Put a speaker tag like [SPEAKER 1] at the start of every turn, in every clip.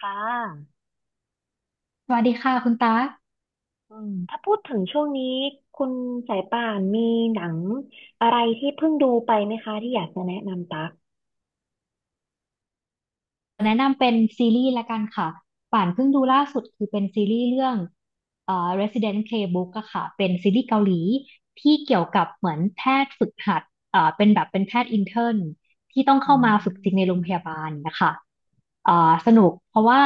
[SPEAKER 1] ค่ะ
[SPEAKER 2] สวัสดีค่ะคุณตา
[SPEAKER 1] ถ้าพูดถึงช่วงนี้ คุณสายป่านมีหนังอะไรที่เพิ่งดูไปไหมคะที่อยากจะแนะนำตัก
[SPEAKER 2] แนะนำเป็นซีรีส์ละกันค่ะป่านเพิ่งดูล่าสุดคือเป็นซีรีส์เรื่องResident Playbook อะค่ะเป็นซีรีส์เกาหลีที่เกี่ยวกับเหมือนแพทย์ฝึกหัดเป็นแบบเป็นแพทย์อินเทอร์นที่ต้อง
[SPEAKER 1] อื
[SPEAKER 2] เข้ามาฝึกจริงในโร
[SPEAKER 1] ม
[SPEAKER 2] งพยาบาลนะคะสนุกเพราะว่า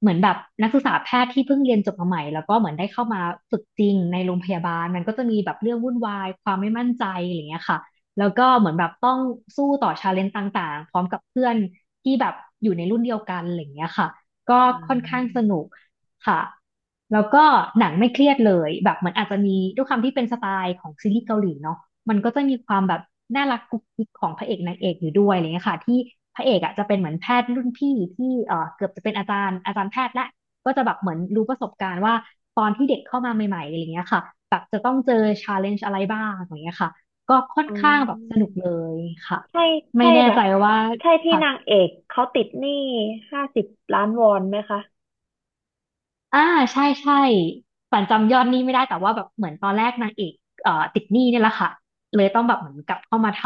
[SPEAKER 2] เหมือนแบบนักศึกษาแพทย์ที่เพิ่งเรียนจบมาใหม่แล้วก็เหมือนได้เข้ามาฝึกจริงในโรงพยาบาลมันก็จะมีแบบเรื่องวุ่นวายความไม่มั่นใจอะไรอย่างเงี้ยค่ะ แล้วก็เหมือนแบบต้องสู้ต่อชาเลนจ์ต่างๆพร้อมกับเพื่อนที่แบบอยู่ในรุ่นเดียวกันอะไรอย่างเงี้ยค่ะก็
[SPEAKER 1] อ่
[SPEAKER 2] ค่อนข้างส
[SPEAKER 1] า
[SPEAKER 2] นุกค่ะแล้วก็หนังไม่เครียดเลยแบบเหมือนอาจจะมีด้วยความที่เป็นสไตล์ของซีรีส์เกาหลีเนาะมันก็จะมีความแบบน่ารักกุ๊กกิ๊กของพระเอกนางเอกอยู่ด้วยอะไรเงี้ยค่ะที่พระเอกอ่ะจะเป็นเหมือนแพทย์รุ่นพี่ที่เกือบจะเป็นอาจารย์แพทย์ละก็จะแบบเหมือนรู้ประสบการณ์ว่าตอนที่เด็กเข้ามาใหม่ๆอะไรเงี้ยค่ะแบบจะต้องเจอชาเลนจ์อะไรบ้างอะไรเงี้ยค่ะ ก็ค่อน
[SPEAKER 1] อืม
[SPEAKER 2] ข้างแบบสนุกเลยค่ะ
[SPEAKER 1] ใช่
[SPEAKER 2] ไม่
[SPEAKER 1] ใช่
[SPEAKER 2] แน่
[SPEAKER 1] แบ
[SPEAKER 2] ใจ
[SPEAKER 1] บ
[SPEAKER 2] ว่า
[SPEAKER 1] ใช่ที่
[SPEAKER 2] ค่ะ
[SPEAKER 1] นางเอกเขาติดหนี้50 ล้านวอนไหมคะ
[SPEAKER 2] อ่าใช่ใช่ฝันจำยอดหนี้ไม่ได้แต่ว่าแบบเหมือนตอนแรกนางเอกติดหนี้เนี่ยแหละค่ะเลยต้องแบบเหมือนกลับเข้ามาท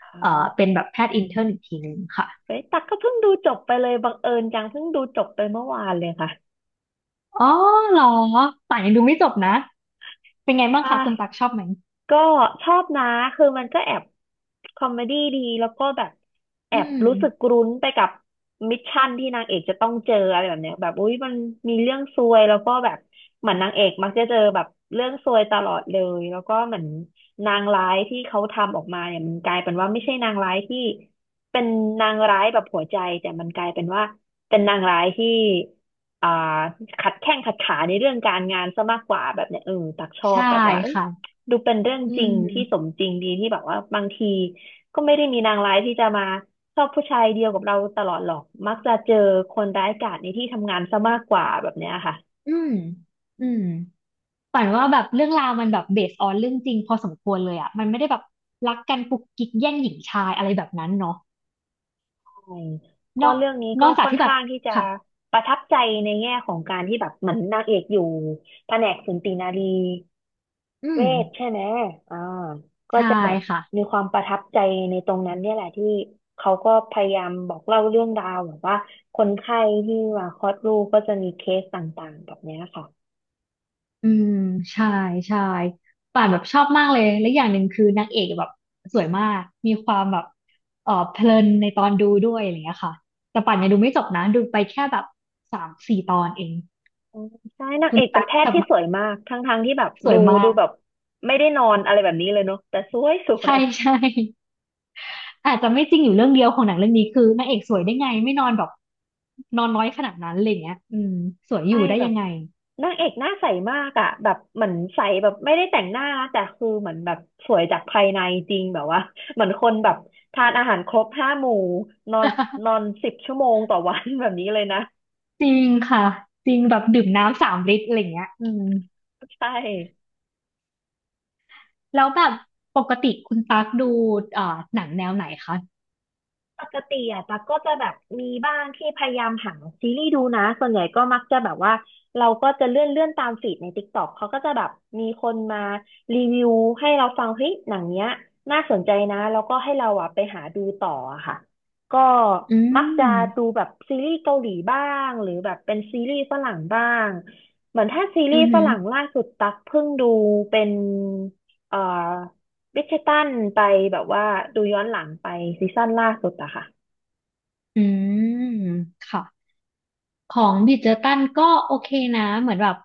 [SPEAKER 1] อ๋
[SPEAKER 2] เป็
[SPEAKER 1] อ
[SPEAKER 2] นแบบแพทย์อินเทอร์นอีกทีนึงค่ะ
[SPEAKER 1] เฮ้ยตักก็เพิ่งดูจบไปเลย บังเอิญจังเพิ่งดูจบไปเมื่อวานเลยค่ะ
[SPEAKER 2] อ๋อเหรอป่านยังดูไม่จบนะเป็นไงบ้าง
[SPEAKER 1] ใช่
[SPEAKER 2] คะคุณตักชอบไหม
[SPEAKER 1] ก็ชอบนะคือมันก็แอบคอมเมดี้ดีแล้วก็แบบแอ
[SPEAKER 2] อื
[SPEAKER 1] บ
[SPEAKER 2] ม
[SPEAKER 1] รู้สึกรุ้นไปกับมิชชั่นที่นางเอกจะต้องเจออะไรแบบเนี้ยแบบอุ๊ยมันมีเรื่องซวยแล้วก็แบบเหมือนนางเอกมักจะเจอแบบเรื่องซวยตลอดเลยแล้วก็เหมือนนางร้ายที่เขาทำออกมาเนี่ยมันกลายเป็นว่าไม่ใช่นางร้ายที่เป็นนางร้ายแบบหัวใจแต่มันกลายเป็นว่าเป็นนางร้ายที่อ่าขัดแข้งขัดขาในเรื่องการงานซะมากกว่าแบบเนี้ยเออตักชอบ
[SPEAKER 2] ใช่
[SPEAKER 1] แบบว่าเอ้ย
[SPEAKER 2] ค่ะ
[SPEAKER 1] ดูเป็นเรื่อง
[SPEAKER 2] อื
[SPEAKER 1] จริงที่สม
[SPEAKER 2] ม
[SPEAKER 1] จริงดีที่แบบว่าบางทีก็ไม่ได้มีนางร้ายที่จะมาชอบผู้ชายเดียวกับเราตลอดหรอกมักจะเจอคนร้ายกาจในที่ทำงานซะมากกว่าแบบเนี้ยค่ะ
[SPEAKER 2] อืมอืม ฝันว่าแบบเรื่องราวมันแบบเบสออนเรื่องจริงพอสมควรเลยอ่ะมันไม่ได้แบบรักกันกุกกิ๊กแย่งหญิงชายอะไรแบบนั้นเนาะ
[SPEAKER 1] ใช่
[SPEAKER 2] น
[SPEAKER 1] ก็
[SPEAKER 2] อก
[SPEAKER 1] เรื่องนี้
[SPEAKER 2] น
[SPEAKER 1] ก็
[SPEAKER 2] อกจาก
[SPEAKER 1] ค่อน
[SPEAKER 2] ที่แบบ
[SPEAKER 1] ข้างที่จะ
[SPEAKER 2] ค่ะ
[SPEAKER 1] ประทับใจในแง่ของการที่แบบเหมือนนางเอกอยู่แผนกสูตินารี
[SPEAKER 2] อื
[SPEAKER 1] เว
[SPEAKER 2] ม
[SPEAKER 1] ทใช่ไหมอ่าก็
[SPEAKER 2] ใช่
[SPEAKER 1] จะแบบ
[SPEAKER 2] ค่ะ
[SPEAKER 1] มีความประทับใจในตรงนั้นเนี่ยแหละที่เขาก็พยายามบอกเล่าเรื่องราวแบบว่าคนไข้ที่มาคลอดลูกก็จะมีเคสต่างๆแบบเนี้ยค่ะ
[SPEAKER 2] อืมใช่ใช่ป่านแบบชอบมากเลยและอย่างหนึ่งคือนางเอกแบบสวยมากมีความแบบเออเพลินในตอนดูด้วยอะไรอย่างเงี้ยค่ะแต่ป่านยังดูไม่จบนะดูไปแค่แบบสามสี่ตอนเอง
[SPEAKER 1] อืมใช่นาง
[SPEAKER 2] คุ
[SPEAKER 1] เอ
[SPEAKER 2] ณ
[SPEAKER 1] กเป็น
[SPEAKER 2] ตั๊ก
[SPEAKER 1] แพท
[SPEAKER 2] ส
[SPEAKER 1] ย์ที่
[SPEAKER 2] มัค
[SPEAKER 1] ส
[SPEAKER 2] ร
[SPEAKER 1] วยมากทั้งๆที่แบบ
[SPEAKER 2] สว
[SPEAKER 1] ดู
[SPEAKER 2] ยมาก
[SPEAKER 1] แบบไม่ได้นอนอะไรแบบนี้เลยเนาะแต่สวยสว
[SPEAKER 2] ใช่
[SPEAKER 1] ย
[SPEAKER 2] ใช่ อาจจะไม่จริงอยู่เรื่องเดียวของหนังเรื่องนี้คือนางเอกสวยได้ไงไม่นอนแบบนอนน้อยขนาดนั้นอะไรอย่างเงี้ยอืมสวยอ
[SPEAKER 1] ใช่
[SPEAKER 2] ยู่ได้
[SPEAKER 1] แบ
[SPEAKER 2] ยั
[SPEAKER 1] บ
[SPEAKER 2] งไง
[SPEAKER 1] นางเอกหน้าใสมากอ่ะแบบเหมือนใสแบบไม่ได้แต่งหน้านะแต่คือเหมือนแบบสวยจากภายในจริงแบบว่าเหมือนคนแบบทานอาหารครบห้าหมู่นอนนอน 10 ชั่วโมงต่อวัน แบบนี้เลยนะ
[SPEAKER 2] จริงค่ะจริงแบบดื่มน้ำสามลิตรอะไรอย่างเงี้ยอืม
[SPEAKER 1] ใช่
[SPEAKER 2] แล้วแบบปกติคุณตั๊กดูหนังแนวไหนคะ
[SPEAKER 1] ปกติอ่ะตั๊กก็จะแบบมีบ้างที่พยายามหาซีรีส์ดูนะส่วนใหญ่ก็มักจะแบบว่าเราก็จะเลื่อนตามฟีดใน TikTok เขาก็จะแบบมีคนมารีวิวให้เราฟังเฮ้ยหนังเนี้ยน่าสนใจนะแล้วก็ให้เราอ่ะไปหาดูต่ออะค่ะก็
[SPEAKER 2] อื
[SPEAKER 1] มักจะ
[SPEAKER 2] ม
[SPEAKER 1] ดูแบบซีรีส์เกาหลีบ้างหรือแบบเป็นซีรีส์ฝรั่งบ้างเหมือนถ้าซีรี
[SPEAKER 2] อือ
[SPEAKER 1] ส์ฝ
[SPEAKER 2] หือ
[SPEAKER 1] รั่งล่าสุดตั๊กเพิ่งดูเป็นเอ่อ วิกเชตันไปแบบว่าดูย้อนหลังไปซีซั่นล่าสุดอะค่ะ
[SPEAKER 2] อืมค่ะของบิดเจอร์ตันก็โอเคนะเหมือนแบบ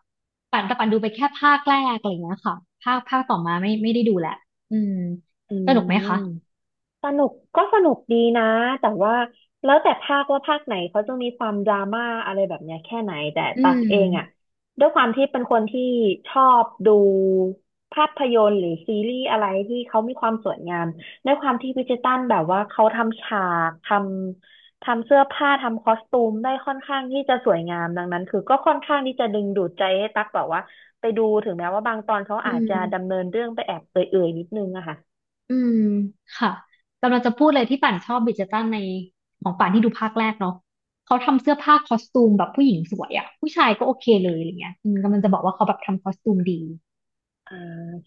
[SPEAKER 2] ปั่นแต่ปั่นดูไปแค่ภาคแรกอะไรอย่างเงี้ยค่ะภาคต่อมาไม่ได้ดูแหละอืม
[SPEAKER 1] อื
[SPEAKER 2] สนุกไหม
[SPEAKER 1] ม
[SPEAKER 2] คะ
[SPEAKER 1] สนุกก็สนุกดีนะแต่ว่าแล้วแต่ภาคว่าภาคไหนเขาจะมีความดราม่าอะไรแบบเนี้ยแค่ไหนแต่
[SPEAKER 2] อื
[SPEAKER 1] ตักเองอ่ะ
[SPEAKER 2] ม
[SPEAKER 1] ด้วยความที่เป็นคนที่ชอบดูภาพยนตร์หรือซีรีส์อะไรที่เขามีความสวยงามด้วยความที่บริจตันแบบว่าเขาทำฉากทำเสื้อผ้าทำคอสตูมได้ค่อนข้างที่จะสวยงามดังนั้นคือก็ค่อนข้างที่จะดึงดูดใจให้ตักแบบว่าไปดูถึงแม้ว่าบางตอนเขา
[SPEAKER 2] อื
[SPEAKER 1] อาจจะดำ
[SPEAKER 2] ม
[SPEAKER 1] เนินเรื่องไปแอบเอื่อยๆนิดนึงอะค่ะ
[SPEAKER 2] อืม ค่ะกำลังจะพูดเลยที่ป่านชอบบิดเจตันในของป่านที่ดูภาคแรกเนาะเขาทำเสื้อผ้าคอสตูมแบบผู้หญิงสวยอะผู้ชายก็โอเคเลยอะไรเงี้ยอืมกำลังจะบอกว่าเขาแบบทำคอสตูมดี
[SPEAKER 1] อ่า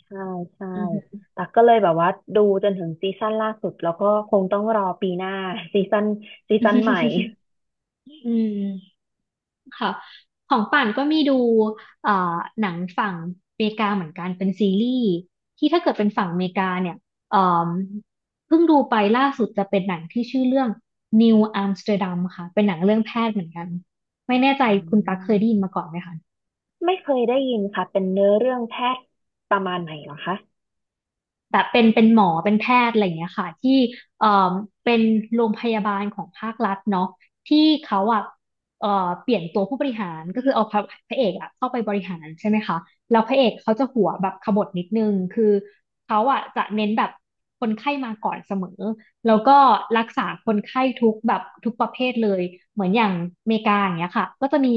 [SPEAKER 1] ใช่ใช่
[SPEAKER 2] อือฮึ
[SPEAKER 1] ตักก็เลยแบบว่าดูจนถึงซีซั่นล่าสุดแล้วก็คงต้องรอปีหน้า ซีซั่นซีซั่นใหม่
[SPEAKER 2] อืม ค่ะของป่านก็มีดูเอ่อหนังฝั่งอเมริกาเหมือนกันเป็นซีรีส์ ที่ถ้าเกิดเป็นฝั่งอเมริกาเนี่ยเอ่มเพิ่งดูไปล่าสุดจะเป็นหนังที่ชื่อเรื่อง New Amsterdam ค่ะเป็นหนังเรื่องแพทย์เหมือนกัน ไม่แน่ใจ
[SPEAKER 1] อื
[SPEAKER 2] คุณตั๊กเคยได้ยิน
[SPEAKER 1] ม
[SPEAKER 2] มาก่อนไหมคะ
[SPEAKER 1] ไม่เคยได้ยินค่ะเป็นเนื้อเรื่องแพทย์ประมาณไหนเหรอคะ
[SPEAKER 2] แบบเป็นหมอเป็นแพทย์อะไรอย่างเงี้ยค่ะที่เอ่อเป็นโรงพยาบาลของภาครัฐเนาะที่เขาอ่ะเอ่อเปลี่ยนตัวผู้บริหารก็คือเอาพระเอกอ่ะเข้าไปบริหารใช่ไหมคะแล้วพระเอกเขาจะหัวแบบขบถนิดนึงคือเขาอ่ะจะเน้นแบบคนไข้มาก่อนเสมอแล้วก็รักษาคนไข้ทุกแบบทุกประเภทเลยเหมือนอย่างอเมริกาอย่างเงี้ยค่ะก็จะมี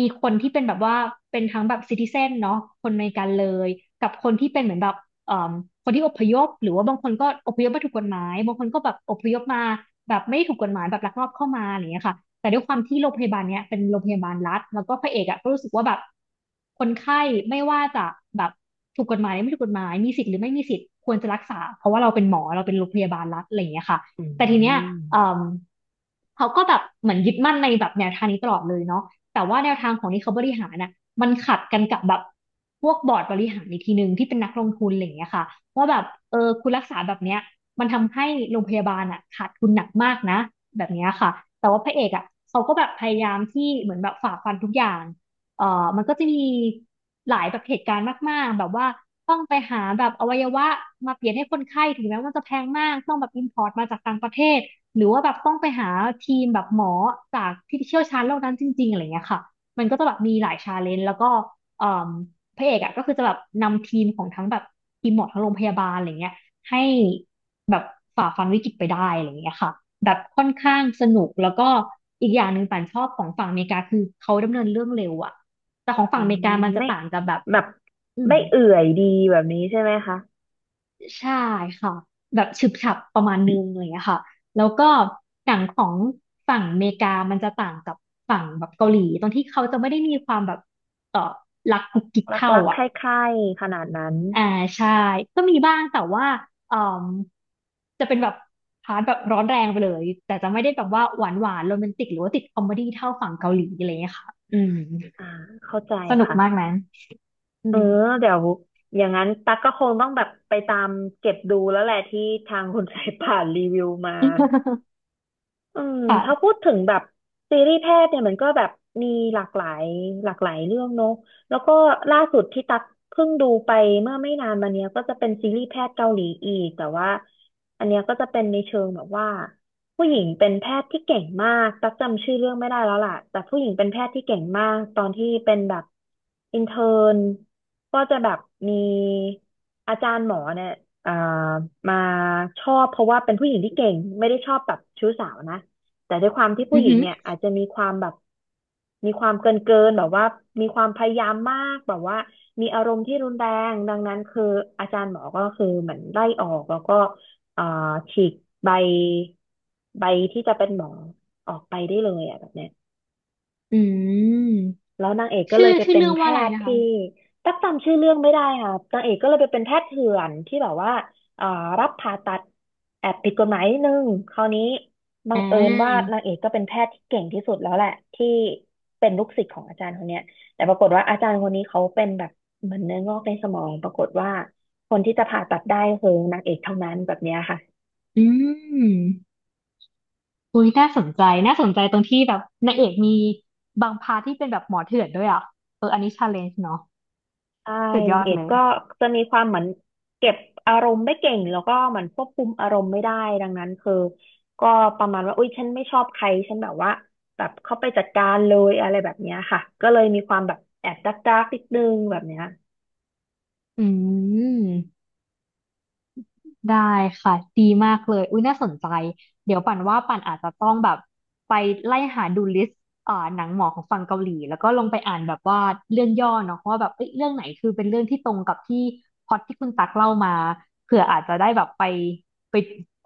[SPEAKER 2] คนที่เป็นแบบว่าเป็นทั้งแบบซิติเซนเนาะคนอเมริกันเลยกับคนที่เป็นเหมือนแบบ เอ่อคนที่อพยพหรือว่าบางคนก็อพยพมาถูกกฎหมายบางคนก็แบบอพยพมาแบบไม่ได้ถูกกฎหมายแบบลักลอบเข้ามาอะไรอย่างเงี้ยค่ะแต่ด้วยความที่โรงพยาบาลเนี้ยเป็นโรงพยาบาลรัฐแล้วก็พระเอกอ่ะก็รู้สึกว่าแบบคนไข้ไม่ว่าจะแบบถูกกฎหมายหรือไม่ถูกกฎหมายมีสิทธิ์หรือไม่มีสิทธิ์ควรจะรักษาเพราะว่าเราเป็นหมอเราเป็นโรงพยาบาลรัฐอะไรอย่างเงี้ยค่ะ
[SPEAKER 1] อื
[SPEAKER 2] แต่ทีเนี้ย
[SPEAKER 1] ม
[SPEAKER 2] เอ่มเขาก็แบบเหมือนยึดมั่นในแบบแนวทางนี้ตลอดเลยเนาะ แต่ว่าแนวทางของที่เขาบริหารน่ะมันขัดกันกับแบบพวกบอร์ดบริหารอีกทีหนึ่งที่เป็นนักลงทุนอะไรอย่างเงี้ยค่ะว่าแบบเออคุณรักษาแบบเนี้ยมันทำให้โรงพยาบาลอ่ะขาดทุนหนักมากนะแบบเนี้ยค่ะแต่ว่าพระเอกอ่ะเขาก็แบบพยายามที่เหมือนแบบฝ่าฟันทุกอย่าง เอ่อมันก็จะมีหลายแบบเหตุการณ์มากๆแบบว่าต้องไปหาแบบอวัยวะมาเปลี่ยนให้คนไข้ถึงแม้ว่ามันจะแพงมากต้องแบบอิ p พอร์ตมาจากต่างประเทศหรือว่าแบบต้องไปหาทีมแบบหมอจากที่เชี่ยวชาญโรคนั้นจริงๆอะไรเงี้ยค่ะมันก็จะแบบมีหลายชาเลนจ์แล้วก็เอ่มพระเอกอ่ะก็คือจะแบบนำทีมของทั้งแบบทีมหมอทั้งโรงพยาบาลอะไรเงี้ยให้แบบฝ่าฟันวิกฤตไปได้อะไรอย่างเงี้ยค่ะแบบค่อนข้างสนุกแล้วก็อีกอย่างหนึ่งป่านชอบของฝั่งอเมริกาคือเขาดำเนินเรื่องเร็วอะ แต่ของฝั่งอเมริกามันจะ
[SPEAKER 1] ไม่
[SPEAKER 2] ต่างกับแบบ
[SPEAKER 1] แบบ
[SPEAKER 2] อืม
[SPEAKER 1] ไม่เอื่อยดีแบบนี้ใช่ไหมคะ
[SPEAKER 2] ใช่ค่ะแบบฉึบฉับประมาณนึงอะไรอย่างเลยค่ะแล้วก็อย่างของฝั่งอเมริกามันจะต่างกับฝั่งแบบเกาหลีตรงที่เขาจะไม่ได้มีความแบบเออรักกุ๊กกิ๊กเท่า
[SPEAKER 1] รักๆไข
[SPEAKER 2] อ่ะ
[SPEAKER 1] ใคร่ๆขนาดนั้น
[SPEAKER 2] อ่าใช่ก็มีบ้างแต่ว่าเอ่มจะเป็นแบบพาร์ทแบบร้อนแรงไปเลยแต่จะไม่ได้แบบว่าหวานหวานโรแมนติกหรือว่าติดคอมเมดี้เท่าฝั่งเกาหลีอะไรอย่างเงี้ยค่ะอืม
[SPEAKER 1] อ่าเข้าใจ
[SPEAKER 2] สนุก
[SPEAKER 1] ค่ะ
[SPEAKER 2] มากนะอื
[SPEAKER 1] เออ
[SPEAKER 2] ม
[SPEAKER 1] เดี๋ยวอย่างนั้นตักก็คงต้องแบบไปตามเก็บดูแล้วแหละที่ทางคุณ สายป่านรีวิวมา อืม
[SPEAKER 2] ค่ะ
[SPEAKER 1] ถ้าพูดถึงแบบซีรีส์แพทย์เนี่ยมันก็แบบมีหลากหลายหลากหลายเรื่องเนอะแล้วก็ล่าสุดที่ตักเพิ่งดูไปเมื่อไม่นานมาเนี้ยก็จะเป็นซีรีส์แพทย์เกาหลีอีกแต่ว่าอันเนี้ยก็จะเป็นในเชิงแบบว่าผู้หญิงเป็นแพทย์ที่เก่งมากตักจำชื่อเรื่องไม่ได้แล้วล่ะแต่ผู้หญิงเป็นแพทย์ที่เก่งมากตอนที่เป็นแบบอินเทิร์นก็จะแบบมีอาจารย์หมอเนี่ย เอ่อมาชอบเพราะว่าเป็นผู้หญิงที่เก่งไม่ได้ชอบแบบชู้สาวนะแต่ด้วยความที่ผู้
[SPEAKER 2] อื
[SPEAKER 1] ห
[SPEAKER 2] อ
[SPEAKER 1] ญิง
[SPEAKER 2] ฮึ
[SPEAKER 1] เนี่ยอาจจะมีความแบบมีความเกินเกินแบบว่ามีความพยายามมากแบบว่ามีอารมณ์ที่รุนแรงดังนั้นคืออาจารย์หมอก็คือเหมือนไล่ออกแล้วก็เอ่าฉีกใบใบที่จะเป็นหมอออกไปได้เลยอ่ะแบบเนี้ย
[SPEAKER 2] อืม
[SPEAKER 1] แล้วนางเอกก็เล
[SPEAKER 2] ชื่
[SPEAKER 1] ย
[SPEAKER 2] อ
[SPEAKER 1] ไป
[SPEAKER 2] ชื่อ
[SPEAKER 1] เป็น
[SPEAKER 2] เรื่อง
[SPEAKER 1] แพ
[SPEAKER 2] ว่าอะไร
[SPEAKER 1] ทย์
[SPEAKER 2] นะ
[SPEAKER 1] ที่
[SPEAKER 2] คะ
[SPEAKER 1] ตักจำชื่อเรื่องไม่ได้ค่ะนางเอกก็เลยไปเป็นแพทย์เถื่อนที่แบบว่าเอ่อรับผ่าตัดแอบผิดกฎหมายนิดนึงคราวนี้บั
[SPEAKER 2] อ่
[SPEAKER 1] งเอิญว่า
[SPEAKER 2] า
[SPEAKER 1] นางเอกก็เป็นแพทย์ที่เก่งที่สุดแล้วแหละที่เป็นลูกศิษย์ของอาจารย์คนเนี้ยแต่ปรากฏว่าอาจารย์คนนี้เขาเป็นแบบเหมือนเนื้องอกในสมองปรากฏว่าคนที่จะผ่าตัดได้คือนางเอกเท่านั้นแบบเนี้ยค่ะ
[SPEAKER 2] อืมอุ้ยน่าสนใจน่าสนใจตรงที่แบบนางเอกมีบางพาร์ทที่เป็นแบบหมอเถื่อนด้วยอ่ะเอออันนี้ชาเลนจ์เนาะ
[SPEAKER 1] ใช่
[SPEAKER 2] สุดย
[SPEAKER 1] นา
[SPEAKER 2] อ
[SPEAKER 1] ง
[SPEAKER 2] ด
[SPEAKER 1] เอก
[SPEAKER 2] เลย
[SPEAKER 1] ก็จะมีความเหมือนเก็บอารมณ์ไม่เก่งแล้วก็เหมือนควบคุมอารมณ์ไม่ได้ดังนั้นคือก็ประมาณว่าอุ้ยฉันไม่ชอบใครฉันแบบว่าแบบเข้าไปจัดการเลยอะไรแบบเนี้ยค่ะก็เลยมีความแบบแอบดักดักนิดนึงแบบเนี้ย
[SPEAKER 2] อืม ได้ค่ะดีมากเลยอุ้ยน่าสนใจเดี๋ยวปั่นว่าปั่นอาจจะต้องแบบไปไล่หาดูลิสต์อ่าหนังหมอของฝั่งเกาหลีแล้วก็ลงไปอ่านแบบว่าเรื่องย่อเนาะว่าแบบเอ้ยเรื่องไหนคือเป็นเรื่องที่ตรงกับที่พล็อตที่คุณตักเล่ามาเผื่ออาจจะได้แบบไปไป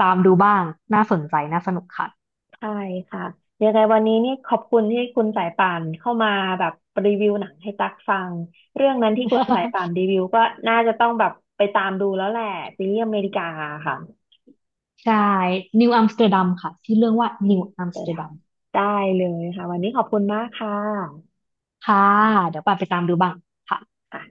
[SPEAKER 2] ตามดูบ้างน่าสนใจน่าสนุกค่ะ
[SPEAKER 1] ใช่ค่ะยังไงวันนี้นี่ขอบคุณที่คุณสายป่านเข้ามาแบบรีวิวหนังให้ตักฟังเรื่องนั้นที่คุณสายป่าน รีวิวก็น่าจะต้องแบบไปตามดูแล้วแหละซีรีส์อเมริกาค่ะ
[SPEAKER 2] ใช่นิวอัมสเตอร์ดัมค่ะชื่อเรื่องว่า
[SPEAKER 1] เดี๋ย
[SPEAKER 2] นิวอัมสเตอ
[SPEAKER 1] ดั
[SPEAKER 2] ร์
[SPEAKER 1] ง
[SPEAKER 2] ดัม
[SPEAKER 1] ได้เลยค่ะวันนี้ขอบคุณมากค่ะ
[SPEAKER 2] ค่ะเดี๋ยวปั่นไปตามดูบ้างค่ะ
[SPEAKER 1] ค่ะ